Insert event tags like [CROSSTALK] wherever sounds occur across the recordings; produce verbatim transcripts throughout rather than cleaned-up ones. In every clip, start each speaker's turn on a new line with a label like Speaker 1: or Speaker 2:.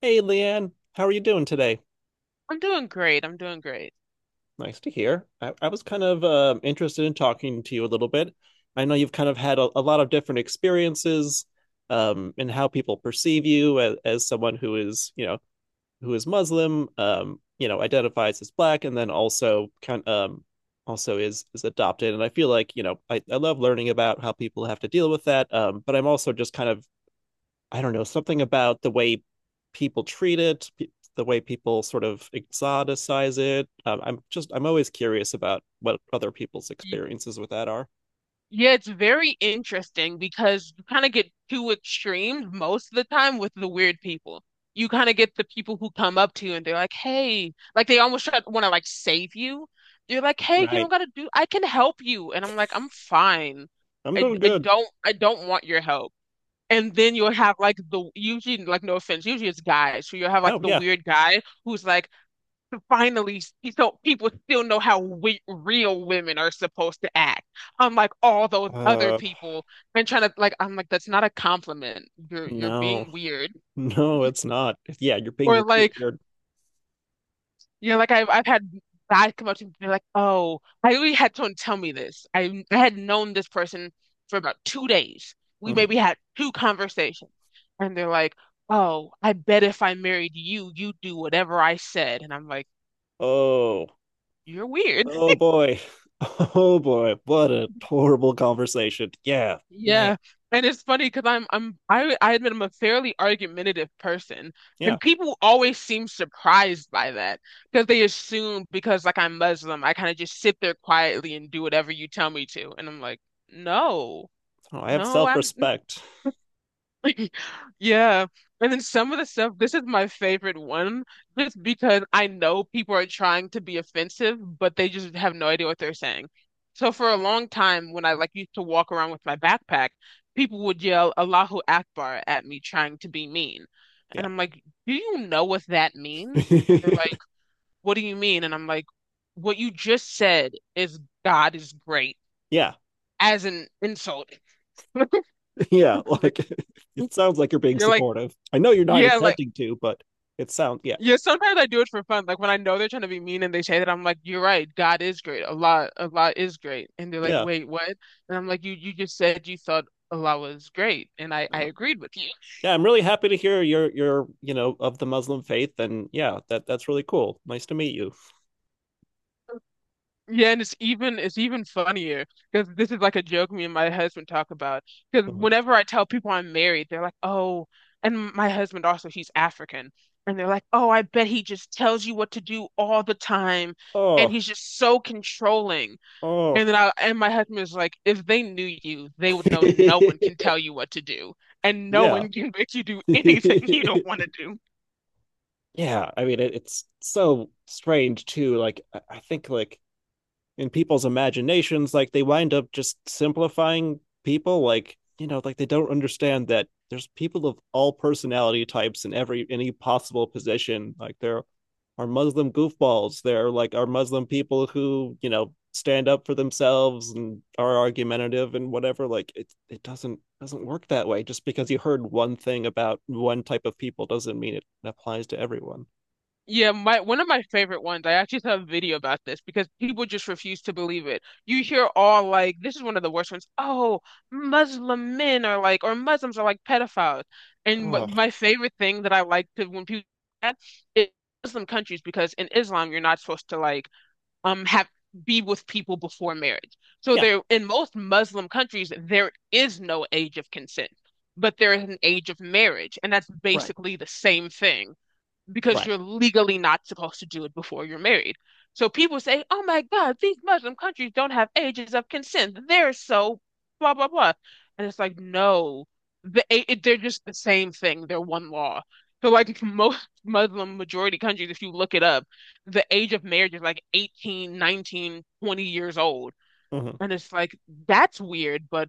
Speaker 1: Hey, Leanne, how are you doing today?
Speaker 2: I'm doing great. I'm doing great.
Speaker 1: Nice to hear. I, I was kind of um interested in talking to you a little bit. I know you've kind of had a, a lot of different experiences um, in how people perceive you as, as someone who is, you know, who is Muslim, um, you know, identifies as black, and then also kind um, also is is adopted. And I feel like, you know, I, I love learning about how people have to deal with that. Um, but I'm also just kind of I don't know, something about the way people treat it, pe- the way people sort of exoticize it. Um, I'm just, I'm always curious about what other people's
Speaker 2: Y-
Speaker 1: experiences with that are.
Speaker 2: Yeah, it's very interesting because you kind of get two extremes most of the time with the weird people. You kind of get the people who come up to you and they're like, "Hey," like they almost try to want to like save you. They're like, "Hey, you don't
Speaker 1: Right.
Speaker 2: gotta do. I can help you," and I'm like, "I'm fine.
Speaker 1: I'm
Speaker 2: I
Speaker 1: doing
Speaker 2: I
Speaker 1: good.
Speaker 2: don't I don't want your help." And then you'll have like the usually like no offense, usually it's guys. So you'll have like
Speaker 1: Oh,
Speaker 2: the
Speaker 1: yeah.
Speaker 2: weird guy who's like. To finally s- so people still know how we, real women are supposed to act, unlike all those other
Speaker 1: Uh,
Speaker 2: people. And trying to like, I'm like, that's not a compliment. You're you're
Speaker 1: no,
Speaker 2: being weird.
Speaker 1: [LAUGHS] no, it's not. Yeah, you're being
Speaker 2: Or
Speaker 1: really
Speaker 2: like,
Speaker 1: weird.
Speaker 2: you know, like I've I've had guys come up to me and be like, oh, I really had someone tell me this. I I had known this person for about two days. We
Speaker 1: Mhm.
Speaker 2: maybe had two conversations, and they're like, oh, I bet if I married you, you'd do whatever I said. And I'm like,
Speaker 1: Oh,
Speaker 2: you're weird.
Speaker 1: oh boy. [LAUGHS] Oh boy. What a horrible conversation. Yeah, man.
Speaker 2: Yeah. And it's funny because I'm I'm I I admit I'm a fairly argumentative person.
Speaker 1: Yeah.
Speaker 2: And people always seem surprised by that because they assume because like I'm Muslim, I kind of just sit there quietly and do whatever you tell me to. And I'm like, no,
Speaker 1: Oh, I have
Speaker 2: no, I'm
Speaker 1: self-respect.
Speaker 2: [LAUGHS] Yeah. And then some of the stuff, this is my favorite one, just because I know people are trying to be offensive, but they just have no idea what they're saying. So for a long time, when I like used to walk around with my backpack, people would yell Allahu Akbar at me trying to be mean.
Speaker 1: Yeah.
Speaker 2: And I'm like, do you know what that means? And they're like, what do you mean? And I'm like, what you just said is God is great
Speaker 1: [LAUGHS] Yeah.
Speaker 2: as an insult.
Speaker 1: Yeah,
Speaker 2: [LAUGHS] Like,
Speaker 1: like [LAUGHS] it sounds like you're being
Speaker 2: you're like,
Speaker 1: supportive. I know you're not
Speaker 2: yeah, like
Speaker 1: intending to, but it sounds yeah,
Speaker 2: yeah, sometimes I do it for fun. Like when I know they're trying to be mean and they say that, I'm like, "You're right. God is great. Allah, Allah is great." And they're like,
Speaker 1: yeah,
Speaker 2: "Wait, what?" And I'm like, "You, you just said you thought Allah was great, and I, I
Speaker 1: I-
Speaker 2: agreed with you."
Speaker 1: yeah. I'm really happy to hear you're you're you know of the Muslim faith, and yeah, that that's really cool. Nice to meet you.
Speaker 2: Yeah, and it's even, it's even funnier because this is like a joke me and my husband talk about. Because
Speaker 1: [LAUGHS]
Speaker 2: whenever I tell people I'm married, they're like, "Oh," and my husband also, he's African, and they're like, "Oh, I bet he just tells you what to do all the time, and
Speaker 1: Oh,
Speaker 2: he's just so controlling."
Speaker 1: oh,
Speaker 2: And then I and my husband is like, if they knew you, they would
Speaker 1: [LAUGHS]
Speaker 2: know no one can
Speaker 1: yeah,
Speaker 2: tell you what to do, and
Speaker 1: [LAUGHS]
Speaker 2: no
Speaker 1: yeah.
Speaker 2: one can [LAUGHS] make you do anything [LAUGHS] you don't want to do.
Speaker 1: I mean, it, it's so strange too. Like I I think like in people's imaginations, like they wind up just simplifying people, like you know like they don't understand that there's people of all personality types in every any possible position. Like there are Muslim goofballs. There like are Muslim people who, you know stand up for themselves and are argumentative and whatever. Like it it doesn't doesn't work that way. Just because you heard one thing about one type of people doesn't mean it applies to everyone.
Speaker 2: Yeah, my one of my favorite ones, I actually saw a video about this because people just refuse to believe it. You hear all like, this is one of the worst ones. Oh, Muslim men are like, or Muslims are like pedophiles. And wh-
Speaker 1: Oh,
Speaker 2: my favorite thing that I like to when people do that is Muslim countries because in Islam you're not supposed to like um have be with people before marriage. So
Speaker 1: yeah.
Speaker 2: there in most Muslim countries there is no age of consent, but there is an age of marriage, and that's
Speaker 1: Right.
Speaker 2: basically the same thing because
Speaker 1: Right.
Speaker 2: you're legally not supposed to do it before you're married. So people say, oh my God, these Muslim countries don't have ages of consent. They're so blah, blah, blah. And it's like, no, the, it, they're just the same thing. They're one law. So, like, [LAUGHS] most Muslim majority countries, if you look it up, the age of marriage is like eighteen, nineteen, twenty years old.
Speaker 1: Mm-hmm.
Speaker 2: And it's like, that's weird, but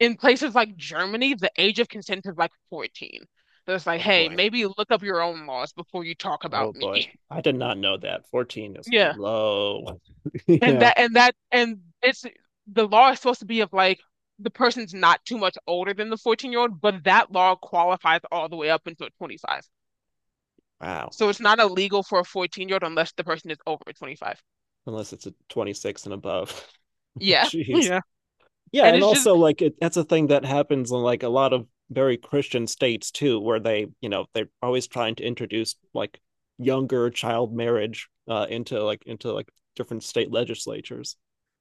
Speaker 2: in places like Germany, the age of consent is like fourteen. So it's like,
Speaker 1: Oh
Speaker 2: hey,
Speaker 1: boy.
Speaker 2: maybe look up your own laws before you talk
Speaker 1: Oh
Speaker 2: about me.
Speaker 1: boy,
Speaker 2: [LAUGHS]
Speaker 1: I did not know that. fourteen is
Speaker 2: Yeah.
Speaker 1: low. [LAUGHS]
Speaker 2: And
Speaker 1: Yeah.
Speaker 2: that, and that, and it's the law is supposed to be of like the person's not too much older than the fourteen year old, but that law qualifies all the way up until twenty-five.
Speaker 1: Wow.
Speaker 2: So it's not illegal for a fourteen year old unless the person is over twenty-five.
Speaker 1: Unless it's a twenty-six and above. [LAUGHS]
Speaker 2: Yeah. [LAUGHS]
Speaker 1: Jeez.
Speaker 2: Yeah.
Speaker 1: Yeah,
Speaker 2: And
Speaker 1: and
Speaker 2: it's just,
Speaker 1: also like it, that's a thing that happens in like a lot of very Christian states too, where they, you know, they're always trying to introduce like younger child marriage uh into like into like different state legislatures.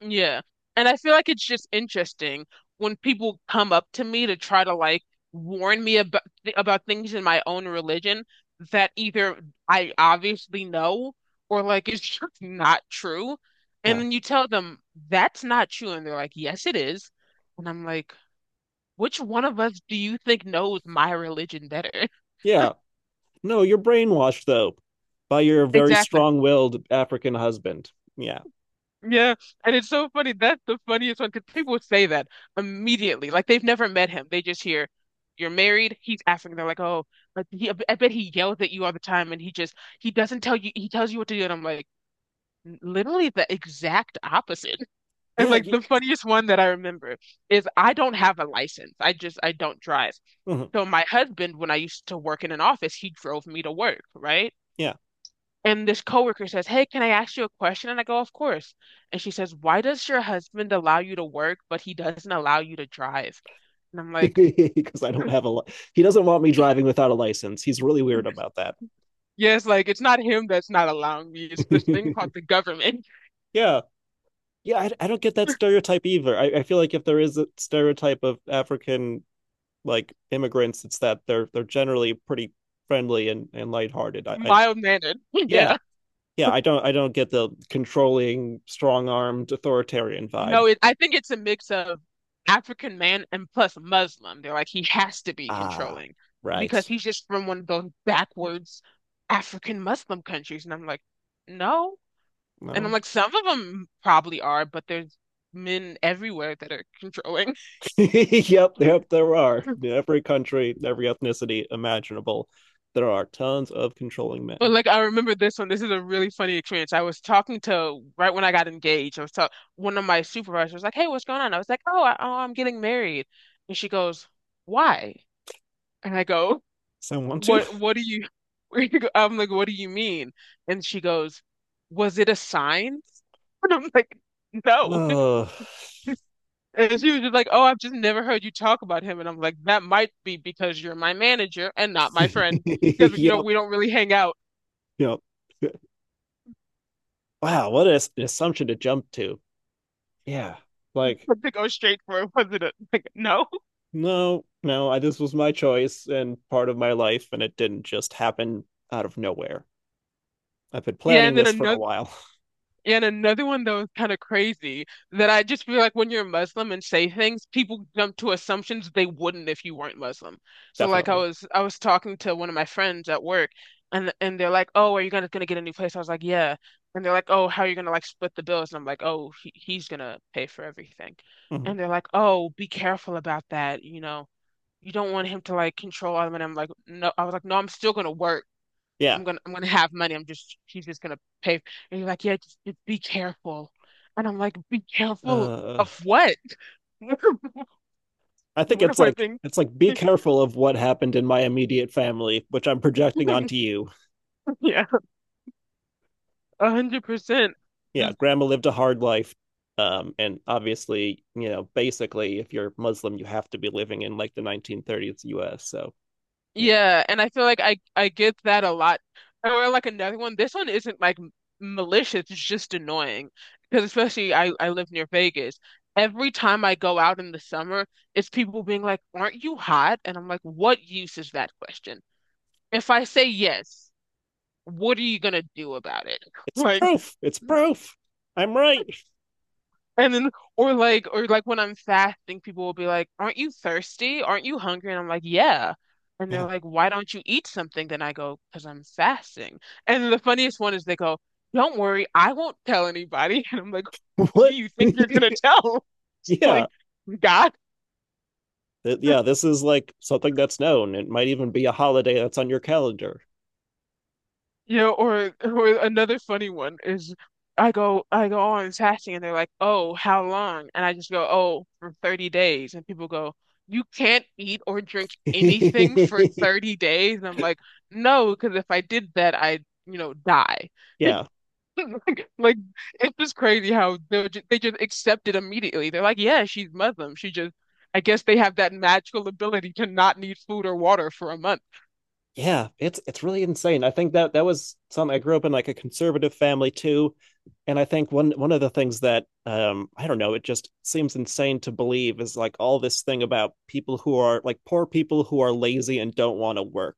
Speaker 2: yeah. And I feel like it's just interesting when people come up to me to try to like warn me about about things in my own religion that either I obviously know or like it's [LAUGHS] just not true.
Speaker 1: Yeah.
Speaker 2: And then you tell them that's not true and they're like, "Yes, it is." And I'm like, "Which one of us do you think knows my religion better?" [LAUGHS]
Speaker 1: Yeah. No, you're brainwashed though by your very
Speaker 2: Exactly.
Speaker 1: strong-willed African husband. Yeah.
Speaker 2: Yeah, and it's so funny. That's the funniest one because people would say that immediately. Like they've never met him. They just hear, "You're married." He's African. They're like, "Oh, like he, I bet he yells at you all the time, and he just he doesn't tell you. He tells you what to do." And I'm like, literally the exact opposite. [LAUGHS] And
Speaker 1: Yeah,
Speaker 2: like
Speaker 1: you,
Speaker 2: the funniest one that I remember is I don't have a license. I just I don't drive.
Speaker 1: mhm.
Speaker 2: So my husband, when I used to work in an office, he drove me to work, right?
Speaker 1: Yeah.
Speaker 2: And this coworker says, "Hey, can I ask you a question?" And I go, "Of course." And she says, "Why does your husband allow you to work, but he doesn't allow you to drive?" And I'm like,
Speaker 1: Because [LAUGHS] I don't have a. Li- he doesn't want me driving without a license. He's really weird about that.
Speaker 2: yes, like it's not him that's not allowing me. It's this thing called
Speaker 1: [LAUGHS]
Speaker 2: the government.
Speaker 1: Yeah, yeah, I, I don't get that stereotype either. I, I feel like if there is a stereotype of African like immigrants, it's that they're they're generally pretty friendly and and lighthearted.
Speaker 2: [LAUGHS]
Speaker 1: I, I
Speaker 2: Mild mannered. [LAUGHS]
Speaker 1: yeah,
Speaker 2: Yeah.
Speaker 1: yeah, I don't I don't get the controlling, strong armed, authoritarian vibe.
Speaker 2: No, it, I think it's a mix of African man and plus Muslim. They're like, he has to be
Speaker 1: Ah,
Speaker 2: controlling because
Speaker 1: right.
Speaker 2: he's just from one of those backwards African Muslim countries. And I'm like, no. And I'm
Speaker 1: No.
Speaker 2: like, some of them probably are, but there's men everywhere that are controlling.
Speaker 1: [LAUGHS] Yep, yep, there are. In
Speaker 2: [LAUGHS]
Speaker 1: every country, every ethnicity imaginable, there are tons of controlling
Speaker 2: But
Speaker 1: men.
Speaker 2: like I remember this one. This is a really funny experience. I was talking to right when I got engaged. I was talking one of my supervisors was like, "Hey, what's going on?" I was like, "Oh, I, oh, I'm getting married," and she goes, "Why?" And I go,
Speaker 1: Someone want to?
Speaker 2: "What? What do you?" [LAUGHS] I'm like, "What do you mean?" And she goes, "Was it a sign?" [LAUGHS] And I'm like, "No."
Speaker 1: Oh,
Speaker 2: And she was just like, "Oh, I've just never heard you talk about him." And I'm like, "That might be because you're my manager and not my friend, because you know
Speaker 1: [LAUGHS] yep,
Speaker 2: we don't really hang out."
Speaker 1: yep. Wow, what an assumption to jump to. Yeah, like,
Speaker 2: [LAUGHS] To go straight for it, wasn't it? Like, no.
Speaker 1: no, no, I, this was my choice and part of my life, and it didn't just happen out of nowhere. I've been
Speaker 2: Yeah,
Speaker 1: planning
Speaker 2: and then
Speaker 1: this for a
Speaker 2: another.
Speaker 1: while.
Speaker 2: And another one that was kind of crazy that I just feel like when you're Muslim and say things, people jump to assumptions they wouldn't if you weren't Muslim.
Speaker 1: [LAUGHS]
Speaker 2: So like I
Speaker 1: Definitely.
Speaker 2: was I was talking to one of my friends at work and and they're like, "Oh, are you gonna gonna get a new place?" I was like, "Yeah." And they're like, "Oh, how are you gonna like split the bills?" And I'm like, "Oh, he, he's gonna pay for everything."
Speaker 1: Mhm.
Speaker 2: And they're like, "Oh, be careful about that, you know. You don't want him to like control all of it." And I'm like, "No." I was like, "No, I'm still gonna work.
Speaker 1: Yeah.
Speaker 2: I'm gonna I'm gonna have money. I'm just he's just gonna pay." And you're like, "Yeah, just, just be careful." And I'm like, be careful
Speaker 1: Uh,
Speaker 2: of what? [LAUGHS]
Speaker 1: I think
Speaker 2: What am
Speaker 1: it's
Speaker 2: I
Speaker 1: like
Speaker 2: being?
Speaker 1: it's like be
Speaker 2: [LAUGHS]
Speaker 1: careful of what happened in my immediate family, which I'm projecting onto you.
Speaker 2: Yeah, a hundred percent.
Speaker 1: Yeah,
Speaker 2: Just
Speaker 1: grandma lived a hard life. Um, and obviously, you know, basically if you're Muslim, you have to be living in like the nineteen thirties U S. So, you know,
Speaker 2: yeah, and I feel like I I get that a lot. Or like another one. This one isn't like m- malicious. It's just annoying because especially I I live near Vegas. Every time I go out in the summer, it's people being like, "Aren't you hot?" And I'm like, "What use is that question? If I say yes. What are you gonna do about it?" [LAUGHS]
Speaker 1: it's
Speaker 2: Like,
Speaker 1: proof. It's proof. I'm right.
Speaker 2: and then, or like, or like when I'm fasting, people will be like, aren't you thirsty? Aren't you hungry? And I'm like, yeah. And
Speaker 1: Yeah.
Speaker 2: they're like, why don't you eat something? Then I go, because I'm fasting. And the funniest one is they go, don't worry, I won't tell anybody. [LAUGHS] And I'm like,
Speaker 1: [LAUGHS]
Speaker 2: who do
Speaker 1: What?
Speaker 2: you think you're gonna
Speaker 1: [LAUGHS]
Speaker 2: tell? [LAUGHS]
Speaker 1: Yeah.
Speaker 2: Like, God?
Speaker 1: Th- yeah, this is like something that's known. It might even be a holiday that's on your calendar.
Speaker 2: Yeah, or or another funny one is I go I go on fasting and they're like, "Oh, how long?" And I just go, "Oh, for thirty days." And people go, "You can't eat or drink anything
Speaker 1: [LAUGHS]
Speaker 2: for thirty days." And I'm like, "No, because if I did that, I'd, you know, die." [LAUGHS]
Speaker 1: Yeah.
Speaker 2: Like, like it's just crazy how they just, they just accept it immediately. They're like, "Yeah, she's Muslim. She just I guess they have that magical ability to not need food or water for a month.
Speaker 1: Yeah, it's it's really insane. I think that that was something I grew up in like a conservative family too, and I think one one of the things that um I don't know, it just seems insane to believe is like all this thing about people who are like poor people who are lazy and don't want to work,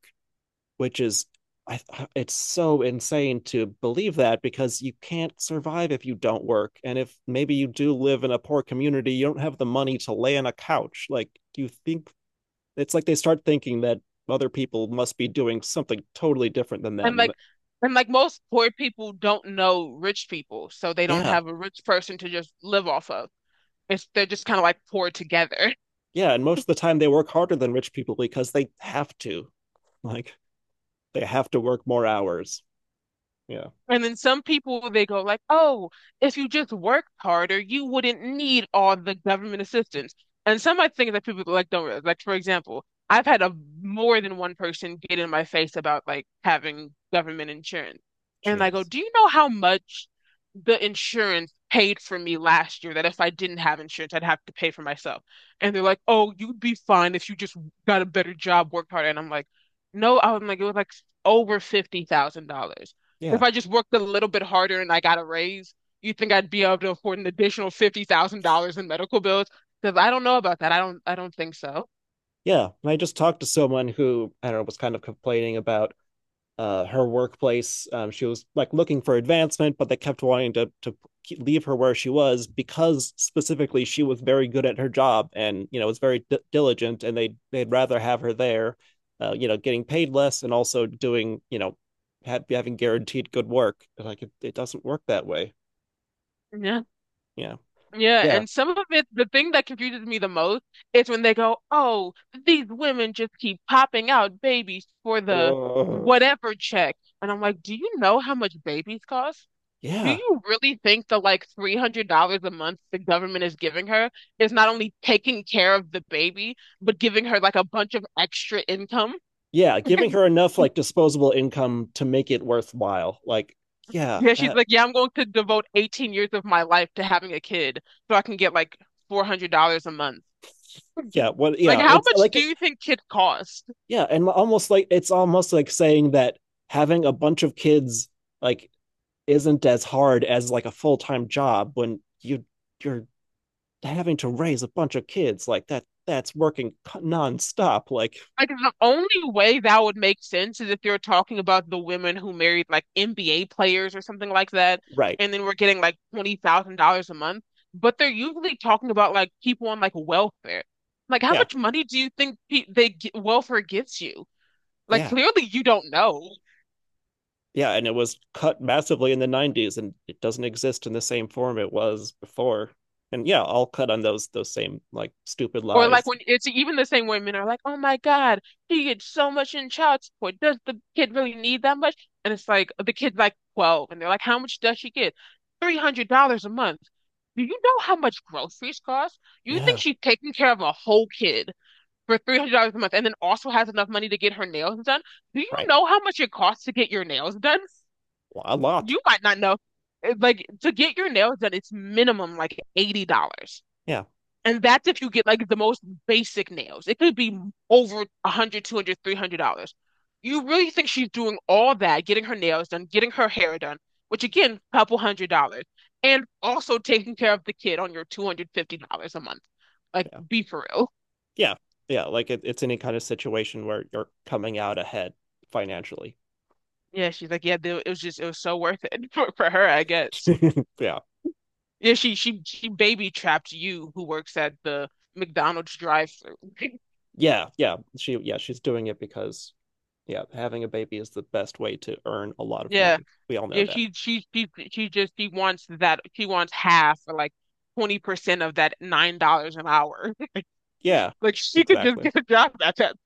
Speaker 1: which is I it's so insane to believe that because you can't survive if you don't work. And if maybe you do live in a poor community, you don't have the money to lay on a couch. Like, do you think it's like they start thinking that other people must be doing something totally different than
Speaker 2: And
Speaker 1: them. And
Speaker 2: like and like most poor people don't know rich people, so they don't
Speaker 1: yeah,
Speaker 2: have a rich person to just live off of. It's They're just kind of like poor together.
Speaker 1: yeah. And most of the time they work harder than rich people because they have to. Like they have to work more hours. Yeah.
Speaker 2: And then some people they go like, "Oh, if you just worked harder, you wouldn't need all the government assistance." And some I think that people like don't realize. Like, for example, I've had a more than one person get in my face about like having government insurance, and I go,
Speaker 1: Jeez.
Speaker 2: "Do you know how much the insurance paid for me last year? That if I didn't have insurance, I'd have to pay for myself." And they're like, "Oh, you'd be fine if you just got a better job, worked harder." And I'm like, "No," I'm like, it was like over fifty thousand dollars. If
Speaker 1: Yeah.
Speaker 2: I just worked a little bit harder and I got a raise, you think I'd be able to afford an additional fifty thousand dollars in medical bills? Because I don't know about that. I don't I don't think so.
Speaker 1: Yeah. And I just talked to someone who I don't know was kind of complaining about uh, her workplace. Um, she was like looking for advancement, but they kept wanting to to leave her where she was because specifically she was very good at her job and you know was very d- diligent, and they they'd rather have her there, uh, you know, getting paid less and also doing you know ha- having guaranteed good work. Like it, it doesn't work that way.
Speaker 2: Yeah.
Speaker 1: Yeah,
Speaker 2: Yeah.
Speaker 1: yeah.
Speaker 2: And some of it, the thing that confuses me the most is when they go, "Oh, these women just keep popping out babies for the
Speaker 1: Ugh.
Speaker 2: whatever check." And I'm like, "Do you know how much babies cost? Do
Speaker 1: Yeah,
Speaker 2: you really think the like three hundred dollars a month the government is giving her is not only taking care of the baby, but giving her like a bunch of extra income?"
Speaker 1: yeah. Giving her enough like disposable income to make it worthwhile. Like yeah,
Speaker 2: Yeah, she's
Speaker 1: that,
Speaker 2: like, "Yeah, I'm going to devote eighteen years of my life to having a kid so I can get like four hundred dollars a month."
Speaker 1: yeah. What?
Speaker 2: Like,
Speaker 1: Yeah,
Speaker 2: how
Speaker 1: it's
Speaker 2: much
Speaker 1: like
Speaker 2: do
Speaker 1: it.
Speaker 2: you think kids cost?
Speaker 1: Yeah, and almost like it's almost like saying that having a bunch of kids like isn't as hard as like a full-time job when you you're having to raise a bunch of kids like that that's working nonstop like
Speaker 2: Like, the only way that would make sense is if you're talking about the women who married like N B A players or something like that,
Speaker 1: right.
Speaker 2: and then we're getting like twenty thousand dollars a month. But they're usually talking about like people on like welfare. Like, how
Speaker 1: Yeah.
Speaker 2: much money do you think pe they g welfare gives you? Like,
Speaker 1: Yeah.
Speaker 2: clearly you don't know.
Speaker 1: Yeah, and it was cut massively in the nineties and it doesn't exist in the same form it was before. And yeah, I'll cut on those those same like stupid
Speaker 2: Or like
Speaker 1: lies.
Speaker 2: when it's even the same way men are like, "Oh my God, he gets so much in child support. Does the kid really need that much?" And it's like the kid's like twelve and they're like, "How much does she get? three hundred dollars a month. Do you know how much groceries cost? You think
Speaker 1: Yeah,
Speaker 2: she's taking care of a whole kid for three hundred dollars a month and then also has enough money to get her nails done? Do you
Speaker 1: right.
Speaker 2: know how much it costs to get your nails done?
Speaker 1: A lot.
Speaker 2: You might not know." It- Like, to get your nails done, it's minimum like eighty dollars.
Speaker 1: Yeah.
Speaker 2: And that's if you get like the most basic nails. It could be over one hundred, two hundred, three hundred dollars. Three hundred dollars. You really think she's doing all that, getting her nails done, getting her hair done, which again, couple hundred dollars, and also taking care of the kid on your two hundred fifty dollars a month? Like,
Speaker 1: Yeah.
Speaker 2: be for real.
Speaker 1: Yeah. Yeah. Like it, it's any kind of situation where you're coming out ahead financially.
Speaker 2: Yeah, she's like, "Yeah, they- it was just, it was so worth it" [LAUGHS] for, for her, I guess.
Speaker 1: [LAUGHS] Yeah.
Speaker 2: Yeah, she she she baby trapped you, who works at the McDonald's drive-through. [LAUGHS]
Speaker 1: Yeah. Yeah. She, yeah, she's doing it because, yeah, having a baby is the best way to earn a lot of
Speaker 2: Yeah.
Speaker 1: money. We all know
Speaker 2: Yeah,
Speaker 1: that.
Speaker 2: she she she she just she wants that she wants half or like twenty percent of that nine dollars an hour.
Speaker 1: Yeah.
Speaker 2: [LAUGHS] Like, she could just
Speaker 1: Exactly.
Speaker 2: get a job at that.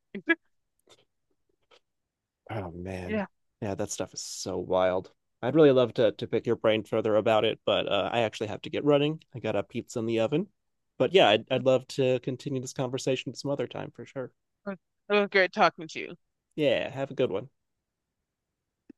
Speaker 1: Oh, man.
Speaker 2: Yeah.
Speaker 1: Yeah. That stuff is so wild. I'd really love to, to pick your brain further about it, but uh, I actually have to get running. I got a pizza in the oven. But yeah, I'd, I'd love to continue this conversation some other time for sure.
Speaker 2: It was it was great talking to you.
Speaker 1: Yeah. Have a good one.